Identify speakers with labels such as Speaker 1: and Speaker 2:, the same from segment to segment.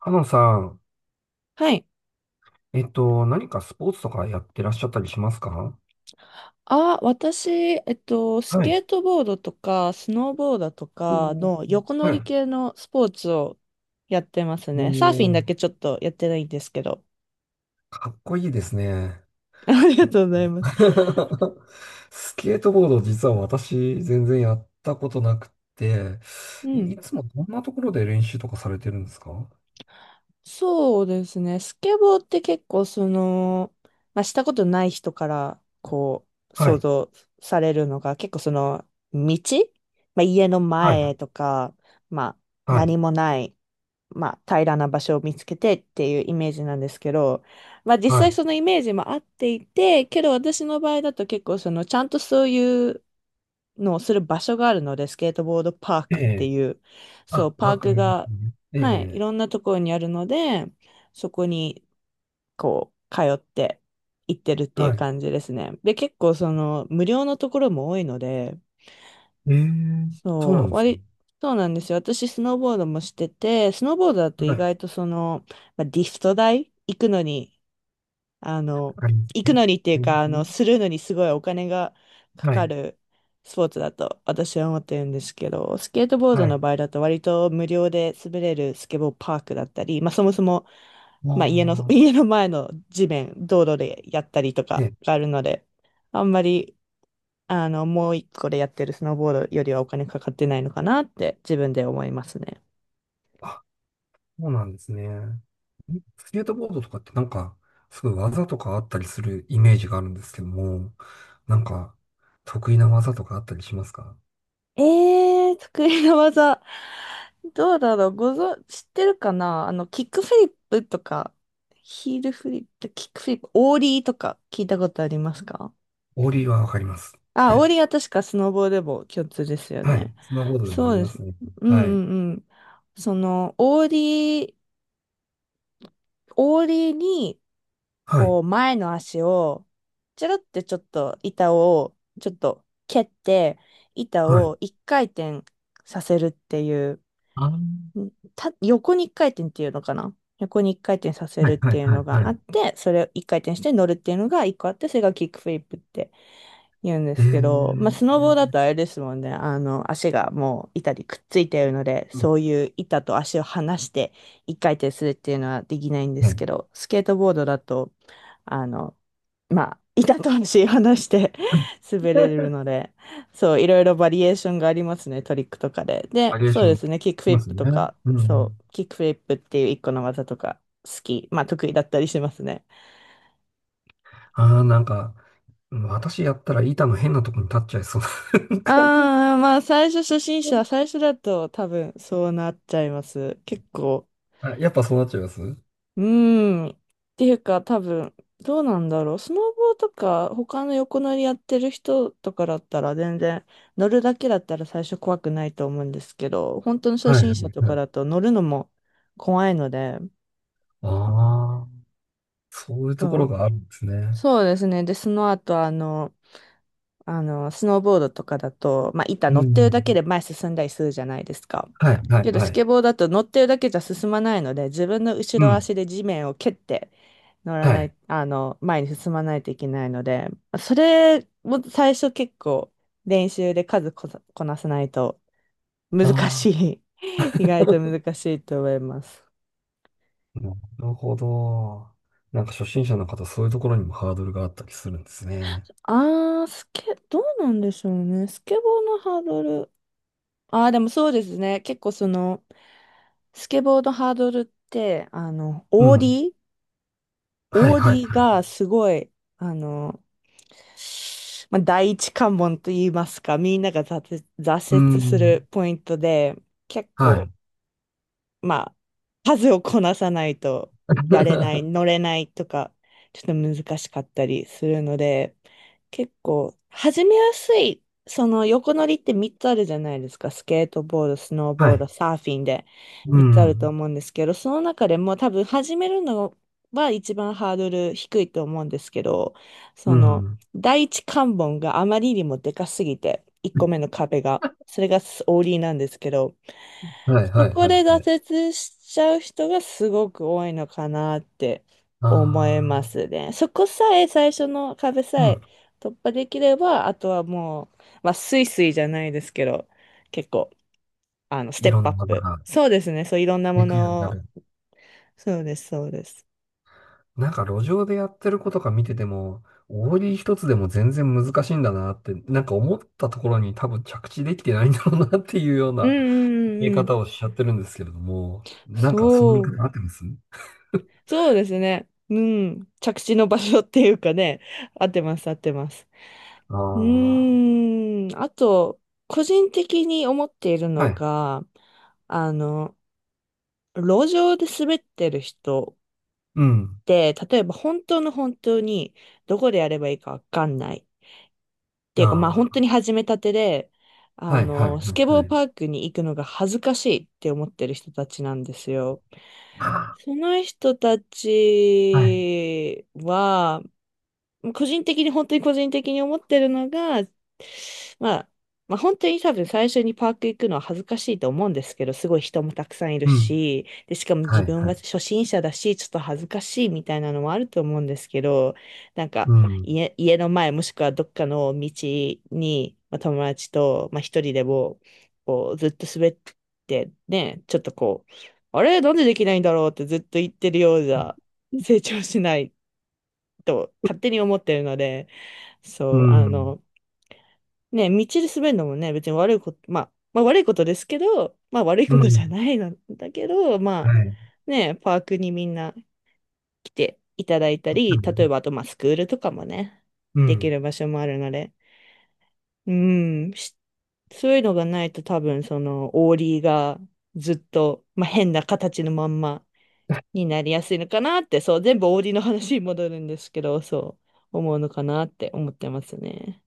Speaker 1: かなさん、
Speaker 2: はい。
Speaker 1: 何かスポーツとかやってらっしゃったりしますか？
Speaker 2: あ、私、ス
Speaker 1: は
Speaker 2: ケ
Speaker 1: い。
Speaker 2: ートボードとか、スノーボードとか
Speaker 1: おー。
Speaker 2: の横乗
Speaker 1: はい。
Speaker 2: り系のスポーツをやってます
Speaker 1: も
Speaker 2: ね。サーフィンだ
Speaker 1: う、
Speaker 2: けちょっとやってないんですけど。
Speaker 1: かっこいいですね。
Speaker 2: あり
Speaker 1: ち
Speaker 2: が
Speaker 1: ょ。
Speaker 2: とうございます。
Speaker 1: スケートボード、実は私、全然やったことなくて、
Speaker 2: う
Speaker 1: い
Speaker 2: ん。
Speaker 1: つもどんなところで練習とかされてるんですか？
Speaker 2: そうですね。スケボーって結構その、まあ、したことない人からこう、
Speaker 1: は
Speaker 2: 想
Speaker 1: い。
Speaker 2: 像されるのが結構その、道まあ、家の
Speaker 1: はい。
Speaker 2: 前とか、まあ、
Speaker 1: はい。
Speaker 2: 何もない、まあ、平らな場所を見つけてっていうイメージなんですけど、まあ、実
Speaker 1: は
Speaker 2: 際
Speaker 1: い。
Speaker 2: そのイメージも合っていて、けど私の場合だと結構そのちゃんとそういうのをする場所があるので、スケートボードパー
Speaker 1: え
Speaker 2: クって
Speaker 1: え。
Speaker 2: いう、そ
Speaker 1: あ、
Speaker 2: う、パー
Speaker 1: 学
Speaker 2: ク
Speaker 1: 部です
Speaker 2: が、
Speaker 1: ね。え
Speaker 2: はい、い
Speaker 1: え。
Speaker 2: ろんなところにあるので、そこにこう、通って行ってるってい
Speaker 1: は
Speaker 2: う
Speaker 1: い。
Speaker 2: 感じですね。で、結構その無料のところも多いので、
Speaker 1: ええ。そうな
Speaker 2: そ
Speaker 1: ん
Speaker 2: う、
Speaker 1: ですね。
Speaker 2: そうなんですよ。私、スノーボードもしてて、スノーボードだと
Speaker 1: は
Speaker 2: 意
Speaker 1: い。わ
Speaker 2: 外とその、まあ、リフト代、行くのに、あの、
Speaker 1: かりま
Speaker 2: 行
Speaker 1: すね。
Speaker 2: く
Speaker 1: わ
Speaker 2: のにってい
Speaker 1: か
Speaker 2: う
Speaker 1: りま
Speaker 2: か、
Speaker 1: すね。
Speaker 2: するのにすごいお金がか
Speaker 1: は
Speaker 2: か
Speaker 1: い。
Speaker 2: るスポーツだと私は思ってるんですけど、スケートボー
Speaker 1: は
Speaker 2: ド
Speaker 1: い。
Speaker 2: の場合だと割と無料で滑れるスケボーパークだったり、まあそもそも、
Speaker 1: あ
Speaker 2: まあ家の、
Speaker 1: あ。
Speaker 2: 家の前の地面、道路でやったりとか
Speaker 1: ええ。
Speaker 2: があるので、あんまりもう一個でやってるスノーボードよりはお金かかってないのかなって自分で思いますね。
Speaker 1: あ、そうなんですね。スケートボードとかってなんか、すごい技とかあったりするイメージがあるんですけども、なんか、得意な技とかあったりしますか？
Speaker 2: え得意な技。どうだろう、知ってるかな、あの、キックフリップとか、ヒールフリップ、キックフリップ、オーリーとか聞いたことありますか？
Speaker 1: オーリーはわかります。
Speaker 2: あ、
Speaker 1: は
Speaker 2: オー
Speaker 1: い。
Speaker 2: リーは確かスノボーでも共通ですよ
Speaker 1: はい。
Speaker 2: ね。
Speaker 1: スノーボードでもあ
Speaker 2: そう
Speaker 1: り
Speaker 2: で
Speaker 1: ま
Speaker 2: す。
Speaker 1: すね。
Speaker 2: うん
Speaker 1: はい。
Speaker 2: うんうん。その、オーリーに、
Speaker 1: はい。
Speaker 2: こう、前の足を、ちょろってちょっと板を、ちょっと蹴って、板
Speaker 1: はい。
Speaker 2: を一回転させるっていう、
Speaker 1: あー。
Speaker 2: ん横に一回転っていうのかな、横に一回転させ
Speaker 1: は
Speaker 2: るっ
Speaker 1: い。は
Speaker 2: て
Speaker 1: い。
Speaker 2: いう
Speaker 1: はい。
Speaker 2: の
Speaker 1: は
Speaker 2: があ
Speaker 1: い。
Speaker 2: って、それを一回転して乗るっていうのが一個あって、それがキックフリップって言うんで
Speaker 1: え
Speaker 2: すけど、
Speaker 1: ー。
Speaker 2: まあ、スノボーだとあれですもんね。あの、足がもう板にくっついているので、
Speaker 1: うん。
Speaker 2: そういう板と足を離して一回転するっていうのはできないんで
Speaker 1: は
Speaker 2: す
Speaker 1: い。
Speaker 2: けど、スケートボードだと、あの、まあ、板と足を離して 滑れるので、そう、いろいろバリエーションがありますね、トリックとかで。
Speaker 1: バ
Speaker 2: で、
Speaker 1: リエー
Speaker 2: そ
Speaker 1: シ
Speaker 2: う
Speaker 1: ョン
Speaker 2: で
Speaker 1: あり
Speaker 2: すね、キックフリ
Speaker 1: ま
Speaker 2: ッ
Speaker 1: す
Speaker 2: プ
Speaker 1: よ
Speaker 2: と
Speaker 1: ね。
Speaker 2: か、
Speaker 1: う
Speaker 2: そ
Speaker 1: ん。
Speaker 2: う、キックフリップっていう一個の技とか、好き、まあ、得意だったりしますね。
Speaker 1: ああ、なんか、うん、私やったら板の変なとこに立っちゃいそうな。
Speaker 2: ああ、まあ最初初心者、最初だと多分そうなっちゃいます。結構。
Speaker 1: あ、やっぱそうなっちゃいます？
Speaker 2: うーん。っていうか多分、どうなんだろう。スノボーとか他の横乗りやってる人とかだったら全然乗るだけだったら最初怖くないと思うんですけど、本当の初
Speaker 1: はいはい
Speaker 2: 心者と
Speaker 1: は
Speaker 2: か
Speaker 1: い。
Speaker 2: だと乗るのも怖いので、
Speaker 1: ああ、そういう
Speaker 2: う
Speaker 1: ところ
Speaker 2: ん、
Speaker 1: があるんですね。
Speaker 2: そうですね。で、その後あの、あの、スノーボードとかだと、まあ、板
Speaker 1: う
Speaker 2: 乗ってるだけ
Speaker 1: ん。
Speaker 2: で前進んだりするじゃないですか。
Speaker 1: はいはい
Speaker 2: けど、
Speaker 1: は
Speaker 2: ス
Speaker 1: い。
Speaker 2: ケボーだと乗ってるだけじゃ進まないので、自分の後
Speaker 1: う
Speaker 2: ろ
Speaker 1: ん。
Speaker 2: 足で地面を蹴って乗ら
Speaker 1: は
Speaker 2: な
Speaker 1: い。
Speaker 2: い、あの、前に進まないといけないので、それも最初結構練習で数こさ、こなさないと難
Speaker 1: ああ、
Speaker 2: しい。意外と難しいと思います。
Speaker 1: なるほど。なんか初心者の方、そういうところにもハードルがあったりするんですね。
Speaker 2: あー、スケ、どうなんでしょうね。スケボーのハードル。あー、でもそうですね。結構その、スケボーのハードルって、あの、
Speaker 1: う
Speaker 2: オーデ
Speaker 1: ん。
Speaker 2: ィー
Speaker 1: はい
Speaker 2: オーデ
Speaker 1: はい。
Speaker 2: ィーがすごい、あの、まあ、第一関門と言いますか、みんなが挫
Speaker 1: う
Speaker 2: 折する
Speaker 1: ん。
Speaker 2: ポイントで、結
Speaker 1: は
Speaker 2: 構
Speaker 1: い。
Speaker 2: まあ、数をこなさないとやれない、乗れないとか、ちょっと難しかったりするので、結構、始めやすい、その横乗りって3つあるじゃないですか。スケートボード、スノー
Speaker 1: は
Speaker 2: ボード、
Speaker 1: い。
Speaker 2: サーフィンで
Speaker 1: う
Speaker 2: 3つあると
Speaker 1: ん。
Speaker 2: 思うんですけど、その中でも多分始めるのは一番ハードル低いと思うんですけど、
Speaker 1: う
Speaker 2: その、
Speaker 1: ん。
Speaker 2: 第一関門があまりにもでかすぎて、1個目の壁が、それがオーリーなんですけど、
Speaker 1: はい
Speaker 2: そ
Speaker 1: はい
Speaker 2: こ
Speaker 1: はい
Speaker 2: で
Speaker 1: はい。
Speaker 2: 挫折しちゃう人がすごく多いのかなって
Speaker 1: あ
Speaker 2: 思
Speaker 1: あ、
Speaker 2: いますね。そこさえ最初の壁
Speaker 1: う
Speaker 2: さ
Speaker 1: ん。
Speaker 2: え突破できれば、あとはもう、まあ、スイスイじゃないですけど、結構、あの、ステ
Speaker 1: い
Speaker 2: ッ
Speaker 1: ろ
Speaker 2: プアッ
Speaker 1: んな技
Speaker 2: プ。
Speaker 1: が
Speaker 2: そうですね。そう、いろんなも
Speaker 1: できるようにな
Speaker 2: のを。
Speaker 1: る。
Speaker 2: そうです、そうです。
Speaker 1: なんか路上でやってる子とか見てても、オーリー一つでも全然難しいんだなって、なんか思ったところに多分着地できてないんだろうなっていうよう
Speaker 2: うんう
Speaker 1: な
Speaker 2: んう
Speaker 1: 見え
Speaker 2: んうん。
Speaker 1: 方をしちゃってるんですけれども、なんかその見
Speaker 2: そう、
Speaker 1: 方合ってます？
Speaker 2: そうですね。うん。着地の場所っていうかね、合ってます、合ってます。う
Speaker 1: ああ
Speaker 2: ーん、あと、個人的に思っている
Speaker 1: ー、
Speaker 2: の
Speaker 1: はい。
Speaker 2: が、あの、路上で滑ってる人
Speaker 1: うん。
Speaker 2: って、例えば本当の本当にどこでやればいいかわかんない。っていうか、まあ本
Speaker 1: あ
Speaker 2: 当に始めたてで、
Speaker 1: あ、
Speaker 2: あ
Speaker 1: はい、はい、は
Speaker 2: の、スケボーパ
Speaker 1: い、
Speaker 2: ークに行くのが恥ずかしいって思ってる人たちなんですよ。
Speaker 1: はい。
Speaker 2: その人た
Speaker 1: はい、
Speaker 2: ちは、個人的に、本当に個人的に思ってるのが、まあ、まあ本当に多分最初にパーク行くのは恥ずかしいと思うんですけど、すごい人もたくさんいる
Speaker 1: うん。
Speaker 2: し、で、しかも
Speaker 1: は
Speaker 2: 自
Speaker 1: い、
Speaker 2: 分
Speaker 1: はい。
Speaker 2: は初心者だし、ちょっと恥ずかしいみたいなのもあると思うんですけど、なんか
Speaker 1: うん。
Speaker 2: 家の前もしくはどっかの道に、まあ、友達と、まあ、一人でも、こう、ずっと滑ってね、ちょっとこう、あれ、なんでできないんだろうってずっと言ってるようじゃ、成長しないと勝手に思ってるので、
Speaker 1: う
Speaker 2: そう、あ
Speaker 1: ん。
Speaker 2: の、ね、道で滑るのもね、別に悪いこと、まあ、まあ悪いことですけど、まあ悪い
Speaker 1: う
Speaker 2: ことじ
Speaker 1: ん。
Speaker 2: ゃないのだけど、
Speaker 1: は
Speaker 2: ま
Speaker 1: い。
Speaker 2: あ、ね、パークにみんな来ていただいたり、例えばあと、まあスクールとかもね、
Speaker 1: う
Speaker 2: でき
Speaker 1: ん。
Speaker 2: る場所もあるので、うん、そういうのがないと多分その、オーリーがずっと、まあ変な形のまんまになりやすいのかなって、そう、全部オーリーの話に戻るんですけど、そう。思うのかなって思ってますね。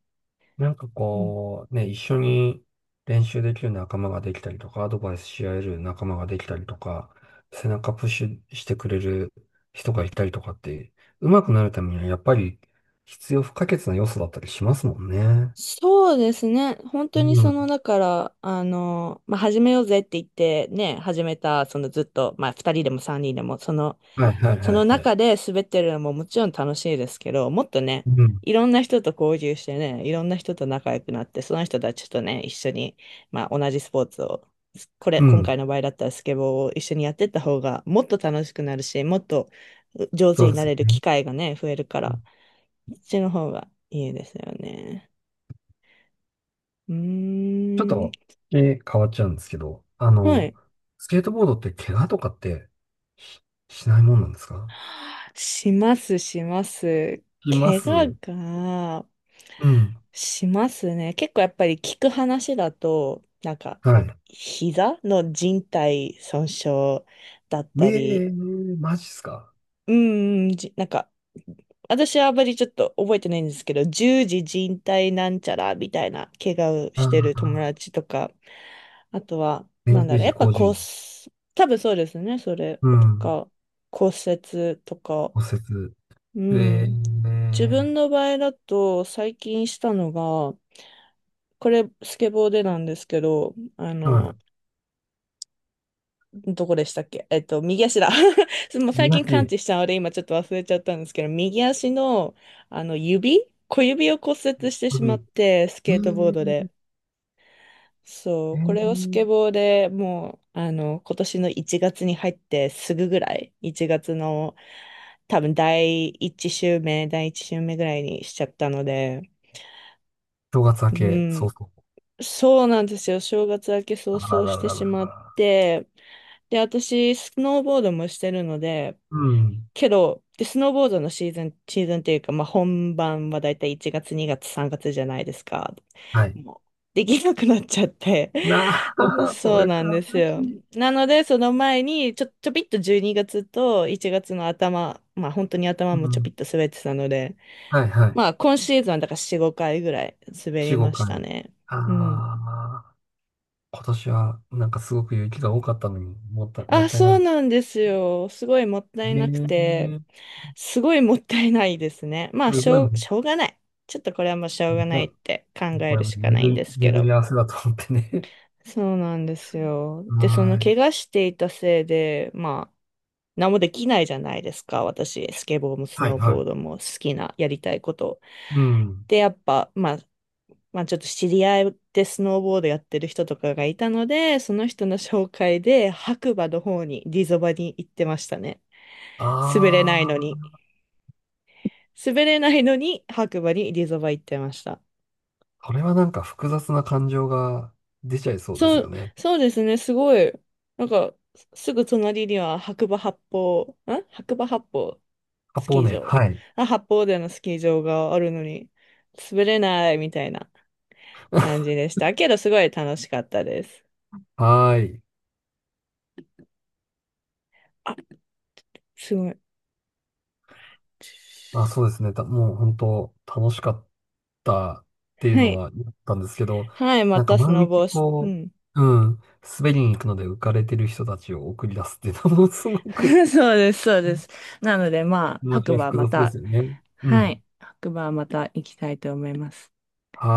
Speaker 1: なんか
Speaker 2: うん。
Speaker 1: こう、ね、一緒に練習できる仲間ができたりとか、アドバイスし合える仲間ができたりとか、背中プッシュしてくれる人がいたりとかって、上手くなるためにはやっぱり必要不可欠な要素だったりしますもんね。
Speaker 2: そうですね。本当に
Speaker 1: う
Speaker 2: その、
Speaker 1: ん。
Speaker 2: だから、あの、まあ、始めようぜって言って、ね、始めた、そのずっと、まあ、2人でも3人でも、その、
Speaker 1: はいはいはい
Speaker 2: そ
Speaker 1: は
Speaker 2: の
Speaker 1: い。
Speaker 2: 中で滑ってるのももちろん楽しいですけど、もっとね、
Speaker 1: うん。
Speaker 2: いろんな人と交流してね、いろんな人と仲良くなって、その人たちとね、一緒に、まあ同じスポーツを、これ、
Speaker 1: う
Speaker 2: 今
Speaker 1: ん。
Speaker 2: 回の場合だったらスケボーを一緒にやってった方が、もっと楽しくなるし、もっと上
Speaker 1: そ
Speaker 2: 手
Speaker 1: う
Speaker 2: に
Speaker 1: で
Speaker 2: な
Speaker 1: すよ
Speaker 2: れる
Speaker 1: ね。
Speaker 2: 機会がね、増えるから、そっちの方がいいですよね。う
Speaker 1: ちょっ
Speaker 2: ー
Speaker 1: と、
Speaker 2: ん。
Speaker 1: え、変わっちゃうんですけど、
Speaker 2: はい。
Speaker 1: スケートボードって怪我とかってし、しないもんなんですか？
Speaker 2: します、します。
Speaker 1: しま
Speaker 2: 怪
Speaker 1: す。
Speaker 2: 我が、
Speaker 1: うん。
Speaker 2: しますね。結構やっぱり聞く話だと、なんか、
Speaker 1: はい。
Speaker 2: 膝の靭帯損傷だっ
Speaker 1: え
Speaker 2: た
Speaker 1: え
Speaker 2: り、
Speaker 1: ー、マジっすか。
Speaker 2: うん、うんじなんか、私はあまりちょっと覚えてないんですけど、十字靭帯なんちゃらみたいな怪我を
Speaker 1: あ
Speaker 2: してる友
Speaker 1: あ、
Speaker 2: 達とか、あとは、
Speaker 1: そ
Speaker 2: なん
Speaker 1: 年じゅう10
Speaker 2: だろう、や
Speaker 1: 時、
Speaker 2: っぱ
Speaker 1: 工10
Speaker 2: 骨、
Speaker 1: 時。
Speaker 2: 多分そうですね、それ
Speaker 1: う
Speaker 2: と
Speaker 1: ん、
Speaker 2: か、骨折とか、
Speaker 1: 骨折。
Speaker 2: う
Speaker 1: ええ
Speaker 2: ん。自
Speaker 1: ー、
Speaker 2: 分の場合だと、最近したのが、これ、スケボーでなんですけど、あ
Speaker 1: うん。
Speaker 2: の、どこでしたっけ、えっと、右足だ。もう最
Speaker 1: 宮
Speaker 2: 近感
Speaker 1: 城、
Speaker 2: 知したので、今ちょっと忘れちゃったんですけど、右足の、あの、小指を骨折して
Speaker 1: こ
Speaker 2: し
Speaker 1: れ
Speaker 2: まっ
Speaker 1: に、
Speaker 2: て、スケートボードで。そ
Speaker 1: え
Speaker 2: う、
Speaker 1: え
Speaker 2: これをス
Speaker 1: ー、
Speaker 2: ケボーでもう、あの、今年の1月に入ってすぐぐらい、1月の多分第一週目、第一週目ぐらいにしちゃったので、
Speaker 1: 正月明
Speaker 2: う
Speaker 1: け、そう
Speaker 2: ん、
Speaker 1: そう。
Speaker 2: そうなんですよ。正月明け早
Speaker 1: あら
Speaker 2: 々
Speaker 1: ら
Speaker 2: し
Speaker 1: ら
Speaker 2: て
Speaker 1: らら
Speaker 2: しまっ
Speaker 1: ら。
Speaker 2: て、で、私、スノーボードもしてるので、
Speaker 1: うん、
Speaker 2: けど、で、スノーボードのシーズン、シーズンっていうか、まあ、本番はだいたい1月、2月、3月じゃないですか。
Speaker 1: はい。
Speaker 2: もう、できなくなっちゃって。
Speaker 1: な あ、そ
Speaker 2: そう
Speaker 1: れ
Speaker 2: な
Speaker 1: か、
Speaker 2: んです
Speaker 1: マ
Speaker 2: よ。
Speaker 1: ジ。
Speaker 2: なので、その前に、ちょびっと12月と1月の頭、まあ、本当に頭
Speaker 1: う
Speaker 2: もちょび
Speaker 1: ん、
Speaker 2: っと滑ってたので、
Speaker 1: はいはい。
Speaker 2: まあ、今シーズンはだから4、5回ぐらい滑り
Speaker 1: 4、
Speaker 2: ま
Speaker 1: 5
Speaker 2: し
Speaker 1: 回。
Speaker 2: たね。
Speaker 1: あ
Speaker 2: うん。
Speaker 1: あ、今年は、なんかすごく雪が多かったのに、もったい、も
Speaker 2: あ、
Speaker 1: ったい
Speaker 2: そ
Speaker 1: な
Speaker 2: う
Speaker 1: く。
Speaker 2: なんですよ。すごいもったい
Speaker 1: え
Speaker 2: なくて、
Speaker 1: ー、
Speaker 2: すごいもったいないですね。まあ、
Speaker 1: すごいもん。
Speaker 2: しょうがない。ちょっとこれはもうしょうがないって考
Speaker 1: こ
Speaker 2: え
Speaker 1: れ
Speaker 2: る
Speaker 1: は
Speaker 2: しかない
Speaker 1: 巡
Speaker 2: んで
Speaker 1: り、
Speaker 2: すけ
Speaker 1: 巡
Speaker 2: ど。
Speaker 1: り合わせだと思ってね。
Speaker 2: そうなんですよ。で、その
Speaker 1: はい。
Speaker 2: 怪我していたせいで、まあ、何もできないじゃないですか。私、スケボーもス
Speaker 1: はい、
Speaker 2: ノー
Speaker 1: は
Speaker 2: ボ
Speaker 1: い。
Speaker 2: ードも好きな、やりたいこと。
Speaker 1: うん。
Speaker 2: で、やっぱ、まあ、まあ、ちょっと知り合いでスノーボードやってる人とかがいたので、その人の紹介で白馬の方に、リゾバに行ってましたね。滑れな
Speaker 1: あ
Speaker 2: いのに。
Speaker 1: あ、
Speaker 2: 滑れないのに白馬にリゾバ行ってました。
Speaker 1: これはなんか複雑な感情が出ちゃいそうで
Speaker 2: そ
Speaker 1: すよ
Speaker 2: う、
Speaker 1: ね。
Speaker 2: そうですね、すごい。なんか、すぐ隣には白馬八方
Speaker 1: カ
Speaker 2: ス
Speaker 1: ポー
Speaker 2: キー
Speaker 1: ネ、
Speaker 2: 場。
Speaker 1: はい。
Speaker 2: あ、八方でのスキー場があるのに、滑れないみたいな感じでした。けど、すごい楽しかったです。
Speaker 1: はい。
Speaker 2: あ、すごい。
Speaker 1: あ、そうですね。た、もう本当楽しかったっていう
Speaker 2: は
Speaker 1: の
Speaker 2: い。
Speaker 1: はあったんですけど、
Speaker 2: はい、ま
Speaker 1: なんか
Speaker 2: たスノ
Speaker 1: 毎
Speaker 2: ボ
Speaker 1: 日
Speaker 2: をし、う
Speaker 1: こ
Speaker 2: ん。
Speaker 1: う、うん、滑りに行くので浮かれてる人たちを送り出すっていうのもすごく
Speaker 2: そうです、そうで す。なので、まあ、
Speaker 1: 気持ち
Speaker 2: 白
Speaker 1: が
Speaker 2: 馬
Speaker 1: 複
Speaker 2: ま
Speaker 1: 雑で
Speaker 2: た、
Speaker 1: すよね。う
Speaker 2: は
Speaker 1: ん。
Speaker 2: い。白馬また行きたいと思います。
Speaker 1: はい